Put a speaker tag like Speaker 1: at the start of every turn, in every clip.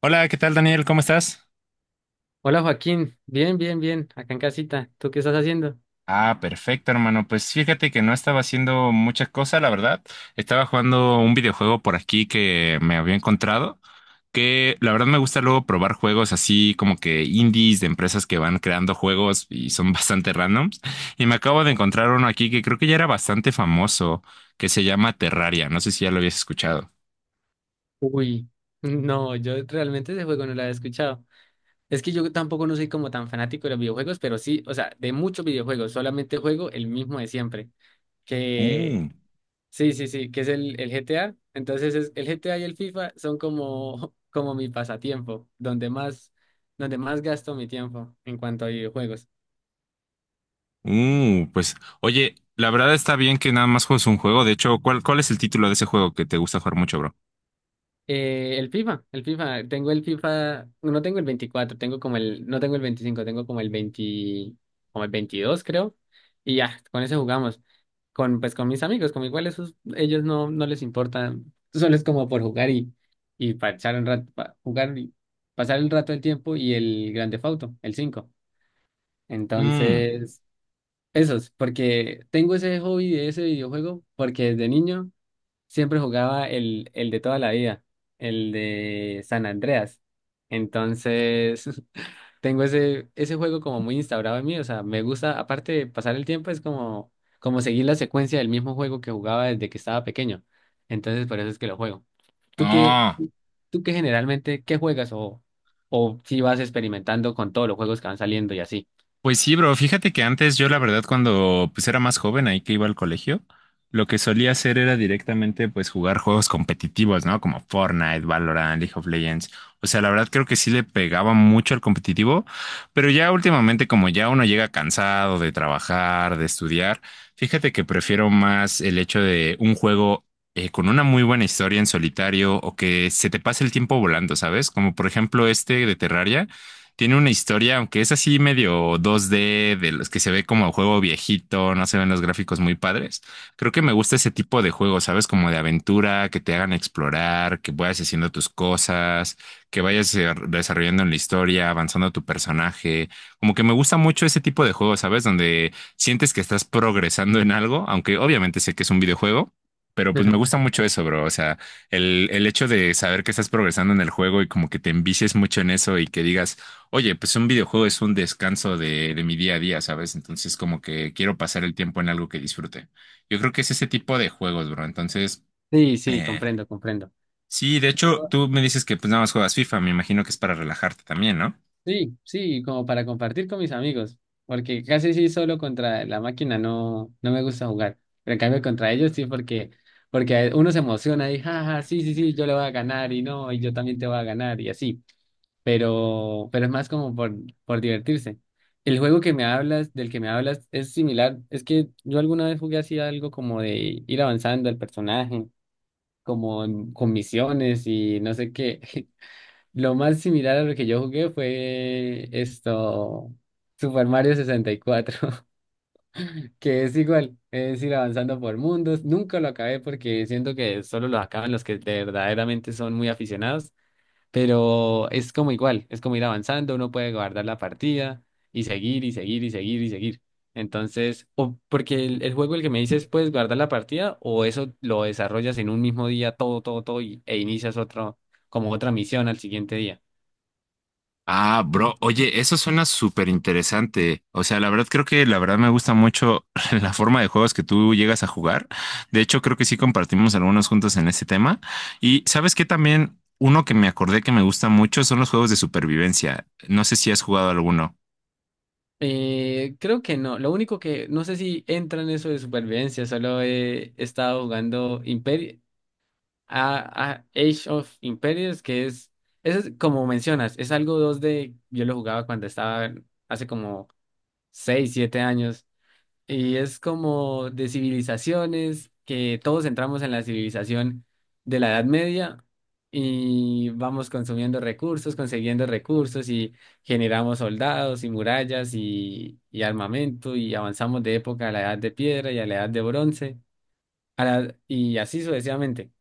Speaker 1: Hola, ¿qué tal, Daniel? ¿Cómo estás?
Speaker 2: Hola Joaquín, bien, bien, bien, acá en casita. ¿Tú qué estás haciendo?
Speaker 1: Ah, perfecto, hermano. Pues fíjate que no estaba haciendo muchas cosas, la verdad. Estaba jugando un videojuego por aquí que me había encontrado, que la verdad me gusta luego probar juegos así como que indies de empresas que van creando juegos y son bastante randoms. Y me acabo de encontrar uno aquí que creo que ya era bastante famoso, que se llama Terraria. No sé si ya lo habías escuchado.
Speaker 2: Uy, no, yo realmente ese juego no lo había escuchado. Es que yo tampoco no soy como tan fanático de los videojuegos, pero sí, o sea, de muchos videojuegos, solamente juego el mismo de siempre. Que
Speaker 1: Mm.
Speaker 2: sí, sí, sí, que es el GTA. Entonces es, el GTA y el FIFA son como, como mi pasatiempo, donde más gasto mi tiempo en cuanto a videojuegos.
Speaker 1: Pues, oye, la verdad está bien que nada más juegues un juego. De hecho, ¿cuál es el título de ese juego que te gusta jugar mucho, bro?
Speaker 2: Tengo el FIFA, no tengo el 24, tengo como no tengo el 25, tengo como el 20, como el 22 creo, y ya, con ese jugamos, pues con mis amigos, como igual esos, ellos no, no les importa, solo es como por jugar y pasar un rato, jugar y pasar el rato del tiempo y el grande Theft Auto, el cinco.
Speaker 1: Mm.
Speaker 2: Entonces, esos, porque tengo ese hobby de ese videojuego, porque desde niño siempre jugaba el de toda la vida, el de San Andreas. Entonces, tengo ese, ese juego como muy instaurado en mí. O sea, me gusta, aparte de pasar el tiempo, es como, como seguir la secuencia del mismo juego que jugaba desde que estaba pequeño. Entonces, por eso es que lo juego. ¿Tú qué,
Speaker 1: Ah.
Speaker 2: Tú qué generalmente, qué juegas o si vas experimentando con todos los juegos que van saliendo y así?
Speaker 1: Pues sí, bro, fíjate que antes yo la verdad cuando pues era más joven ahí que iba al colegio, lo que solía hacer era directamente pues jugar juegos competitivos, ¿no? Como Fortnite, Valorant, League of Legends. O sea, la verdad creo que sí le pegaba mucho al competitivo, pero ya últimamente como ya uno llega cansado de trabajar, de estudiar, fíjate que prefiero más el hecho de un juego con una muy buena historia en solitario o que se te pase el tiempo volando, ¿sabes? Como por ejemplo este de Terraria tiene una historia, aunque es así medio 2D, de los que se ve como juego viejito, no se ven los gráficos muy padres. Creo que me gusta ese tipo de juegos, ¿sabes? Como de aventura, que te hagan explorar, que vayas haciendo tus cosas, que vayas desarrollando en la historia, avanzando tu personaje. Como que me gusta mucho ese tipo de juegos, ¿sabes? Donde sientes que estás progresando en algo, aunque obviamente sé que es un videojuego. Pero pues me gusta mucho eso, bro. O sea, el hecho de saber que estás progresando en el juego y como que te envicies mucho en eso y que digas, oye, pues un videojuego es un descanso de mi día a día, ¿sabes? Entonces como que quiero pasar el tiempo en algo que disfrute. Yo creo que es ese tipo de juegos, bro. Entonces,
Speaker 2: Sí, sí,
Speaker 1: eh,
Speaker 2: comprendo, comprendo.
Speaker 1: sí, de hecho, tú me dices que pues nada más juegas FIFA, me imagino que es para relajarte también, ¿no?
Speaker 2: Sí, sí, como para compartir con mis amigos, porque casi sí solo contra la máquina no me gusta jugar, pero en cambio contra ellos sí porque uno se emociona y jaja, sí, sí, sí, yo le voy a ganar y no, y yo también te voy a ganar y así, pero es más como por divertirse. El juego que me hablas, Del que me hablas, es similar, es que yo alguna vez jugué así algo como de ir avanzando el personaje, como con misiones y no sé qué. Lo más similar a lo que yo jugué fue esto, Super Mario 64. Que es igual, es ir avanzando por mundos. Nunca lo acabé porque siento que solo lo acaban los que de verdaderamente son muy aficionados, pero es como igual, es como ir avanzando, uno puede guardar la partida y seguir y seguir y seguir y seguir. Entonces, o porque el juego el que me dices, puedes guardar la partida o eso lo desarrollas en un mismo día todo, todo, todo e inicias otro, como otra misión al siguiente día.
Speaker 1: Ah, bro, oye, eso suena súper interesante. O sea, la verdad creo que la verdad me gusta mucho la forma de juegos que tú llegas a jugar. De hecho, creo que sí compartimos algunos juntos en este tema. Y sabes que también uno que me acordé que me gusta mucho son los juegos de supervivencia. No sé si has jugado alguno.
Speaker 2: Creo que no. Lo único que no sé si entra en eso de supervivencia. Solo he estado jugando Imperi a Age of Empires, que es, eso es como mencionas, es algo dos d. Yo lo jugaba cuando estaba hace como 6 7 años. Y es como de civilizaciones, que todos entramos en la civilización de la Edad Media y vamos consumiendo recursos, consiguiendo recursos y generamos soldados y murallas y armamento y avanzamos de época a la Edad de Piedra y a la Edad de Bronce y así sucesivamente.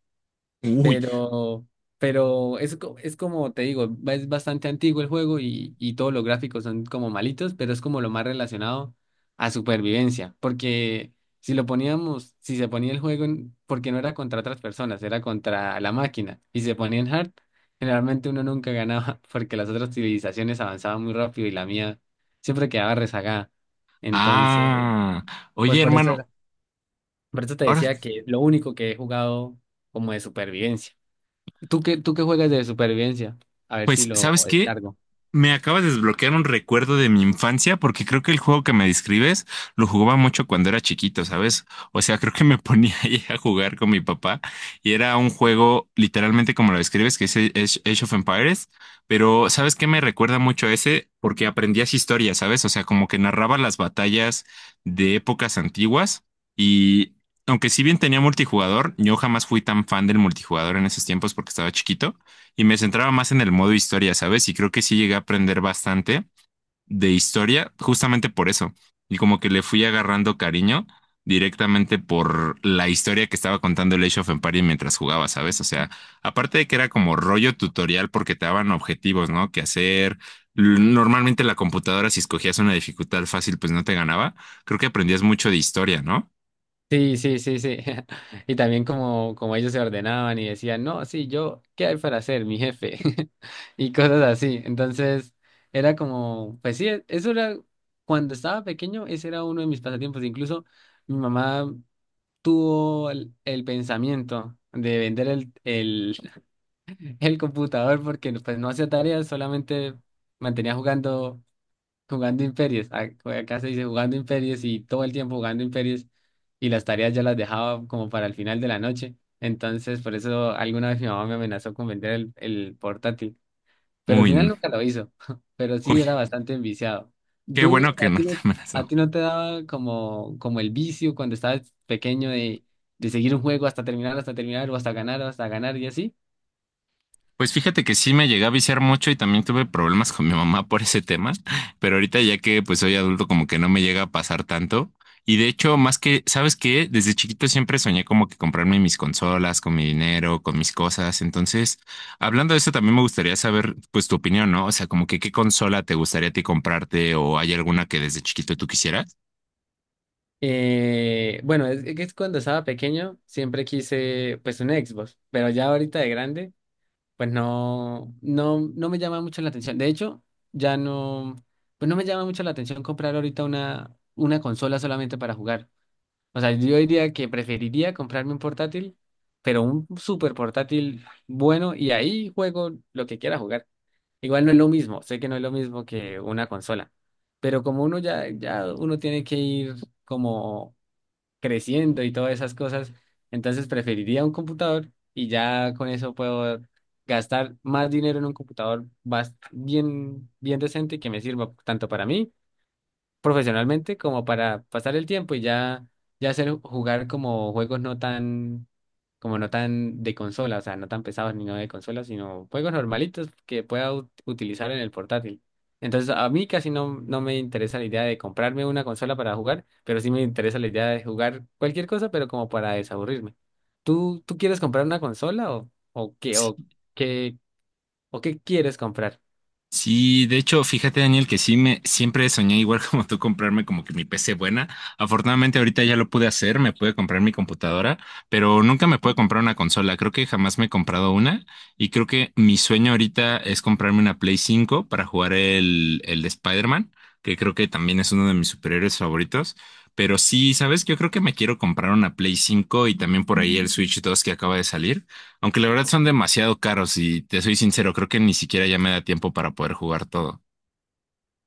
Speaker 1: Uy,
Speaker 2: Pero, pero es como te digo, es bastante antiguo el juego y todos los gráficos son como malitos, pero es como lo más relacionado a supervivencia. Porque si lo poníamos, si se ponía el juego, porque no era contra otras personas, era contra la máquina, y se ponía en hard, generalmente uno nunca ganaba porque las otras civilizaciones avanzaban muy rápido y la mía siempre quedaba rezagada. Entonces,
Speaker 1: ah,
Speaker 2: pues
Speaker 1: oye, hermano,
Speaker 2: por eso te
Speaker 1: ahora,
Speaker 2: decía que lo único que he jugado como de supervivencia. ¿ Tú qué juegas de supervivencia? A ver si
Speaker 1: pues,
Speaker 2: lo
Speaker 1: ¿sabes qué?
Speaker 2: descargo.
Speaker 1: Me acabas de desbloquear un recuerdo de mi infancia porque creo que el juego que me describes lo jugaba mucho cuando era chiquito, ¿sabes? O sea, creo que me ponía ahí a jugar con mi papá y era un juego literalmente como lo describes, que es Age of Empires, pero ¿sabes qué me recuerda mucho a ese? Porque aprendías historia, ¿sabes? O sea, como que narraba las batallas de épocas antiguas y aunque si bien tenía multijugador, yo jamás fui tan fan del multijugador en esos tiempos porque estaba chiquito y me centraba más en el modo historia, ¿sabes? Y creo que sí llegué a aprender bastante de historia justamente por eso. Y como que le fui agarrando cariño directamente por la historia que estaba contando el Age of Empires mientras jugaba, ¿sabes? O sea, aparte de que era como rollo tutorial porque te daban objetivos, ¿no? Que hacer. Normalmente la computadora, si escogías una dificultad fácil, pues no te ganaba. Creo que aprendías mucho de historia, ¿no?
Speaker 2: Sí, sí, sí, sí. Y también como, ellos se ordenaban y decían, no, sí, yo, ¿qué hay para hacer, mi jefe? Y cosas así. Entonces, era como, pues sí, eso era, cuando estaba pequeño, ese era uno de mis pasatiempos. Incluso mi mamá tuvo el pensamiento de vender el computador porque pues no hacía tareas, solamente mantenía jugando imperios. Acá se dice jugando imperios y todo el tiempo jugando imperios y las tareas ya las dejaba como para el final de la noche. Entonces, por eso alguna vez mi mamá me amenazó con vender el portátil, pero al
Speaker 1: Uy,
Speaker 2: final
Speaker 1: n-
Speaker 2: nunca lo hizo, pero sí
Speaker 1: uy,
Speaker 2: era bastante enviciado.
Speaker 1: qué
Speaker 2: ¿Tú,
Speaker 1: bueno que
Speaker 2: a
Speaker 1: no
Speaker 2: ti
Speaker 1: te
Speaker 2: no, A
Speaker 1: amenazó.
Speaker 2: ti no te daba como, el vicio cuando estabas pequeño de seguir un juego hasta terminar, o hasta ganar y así?
Speaker 1: Pues fíjate que sí me llegué a viciar mucho y también tuve problemas con mi mamá por ese tema, pero ahorita ya que pues soy adulto como que no me llega a pasar tanto. Y de hecho, más que, ¿sabes qué? Desde chiquito siempre soñé como que comprarme mis consolas, con mi dinero, con mis cosas. Entonces, hablando de eso, también me gustaría saber pues tu opinión, ¿no? O sea, como que qué consola te gustaría a ti comprarte o hay alguna que desde chiquito tú quisieras.
Speaker 2: Bueno, es cuando estaba pequeño siempre quise pues un Xbox, pero ya ahorita de grande pues no me llama mucho la atención. De hecho, ya no, pues no me llama mucho la atención comprar ahorita una consola solamente para jugar. O sea, yo diría que preferiría comprarme un portátil, pero un super portátil bueno y ahí juego lo que quiera jugar. Igual no es lo mismo, sé que no es lo mismo que una consola, pero como uno ya uno tiene que ir como creciendo y todas esas cosas. Entonces preferiría un computador y ya con eso puedo gastar más dinero en un computador bien, bien decente que me sirva tanto para mí profesionalmente como para pasar el tiempo y ya, ya hacer jugar como juegos no tan, como no tan de consola, o sea, no tan pesados ni no de consola, sino juegos normalitos que pueda utilizar en el portátil. Entonces, a mí casi no me interesa la idea de comprarme una consola para jugar, pero sí me interesa la idea de jugar cualquier cosa, pero como para desaburrirme. ¿Tú quieres comprar una consola qué, o qué quieres comprar?
Speaker 1: Sí, de hecho, fíjate, Daniel, que sí me siempre soñé igual como tú comprarme como que mi PC buena. Afortunadamente ahorita ya lo pude hacer, me pude comprar mi computadora, pero nunca me pude comprar una consola. Creo que jamás me he comprado una y creo que mi sueño ahorita es comprarme una Play 5 para jugar el de Spider-Man, que creo que también es uno de mis superhéroes favoritos. Pero sí, ¿sabes? Yo creo que me quiero comprar una Play 5 y también por ahí el Switch 2 que acaba de salir. Aunque la verdad son demasiado caros y te soy sincero, creo que ni siquiera ya me da tiempo para poder jugar todo.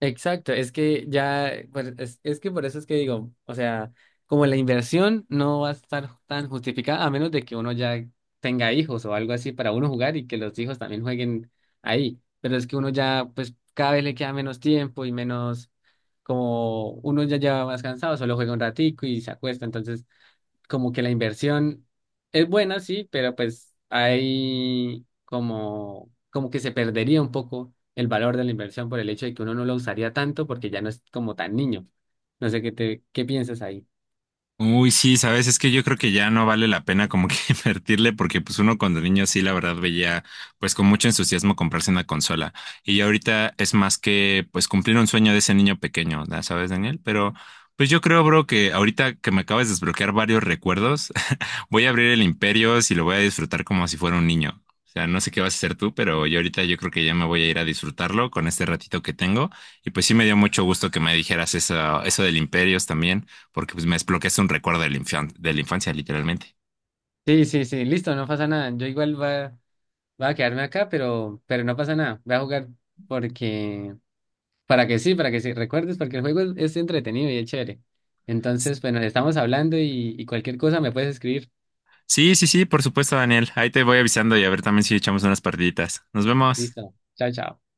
Speaker 2: Exacto, es que ya, pues, es que por eso es que digo, o sea, como la inversión no va a estar tan justificada a menos de que uno ya tenga hijos o algo así para uno jugar y que los hijos también jueguen ahí, pero es que uno ya, pues cada vez le queda menos tiempo y menos, como uno ya lleva más cansado, solo juega un ratico y se acuesta, entonces como que la inversión es buena, sí, pero pues hay como, que se perdería un poco el valor de la inversión por el hecho de que uno no lo usaría tanto porque ya no es como tan niño. No sé qué piensas ahí.
Speaker 1: Uy, sí, sabes, es que yo creo que ya no vale la pena como que invertirle porque pues uno cuando niño sí, la verdad veía pues con mucho entusiasmo comprarse una consola y ya ahorita es más que pues cumplir un sueño de ese niño pequeño, ¿sabes, Daniel? Pero pues yo creo, bro, que ahorita que me acabas de desbloquear varios recuerdos, voy a abrir el Imperios y lo voy a disfrutar como si fuera un niño. O sea, no sé qué vas a hacer tú, pero yo ahorita yo creo que ya me voy a ir a disfrutarlo con este ratito que tengo y pues sí me dio mucho gusto que me dijeras eso, eso del Imperios también porque pues me desbloqueaste un recuerdo de de la infancia, literalmente.
Speaker 2: Sí, sí, sí, listo, no pasa nada. Yo igual va a quedarme acá, pero no pasa nada. Voy a jugar porque, para que sí, recuerdes, porque el juego es entretenido y es chévere. Entonces, bueno, estamos hablando y cualquier cosa me puedes escribir.
Speaker 1: Sí, sí, sí, por supuesto, Daniel. Ahí te voy avisando y a ver también si echamos unas partiditas. Nos vemos.
Speaker 2: Listo. Chao, chao.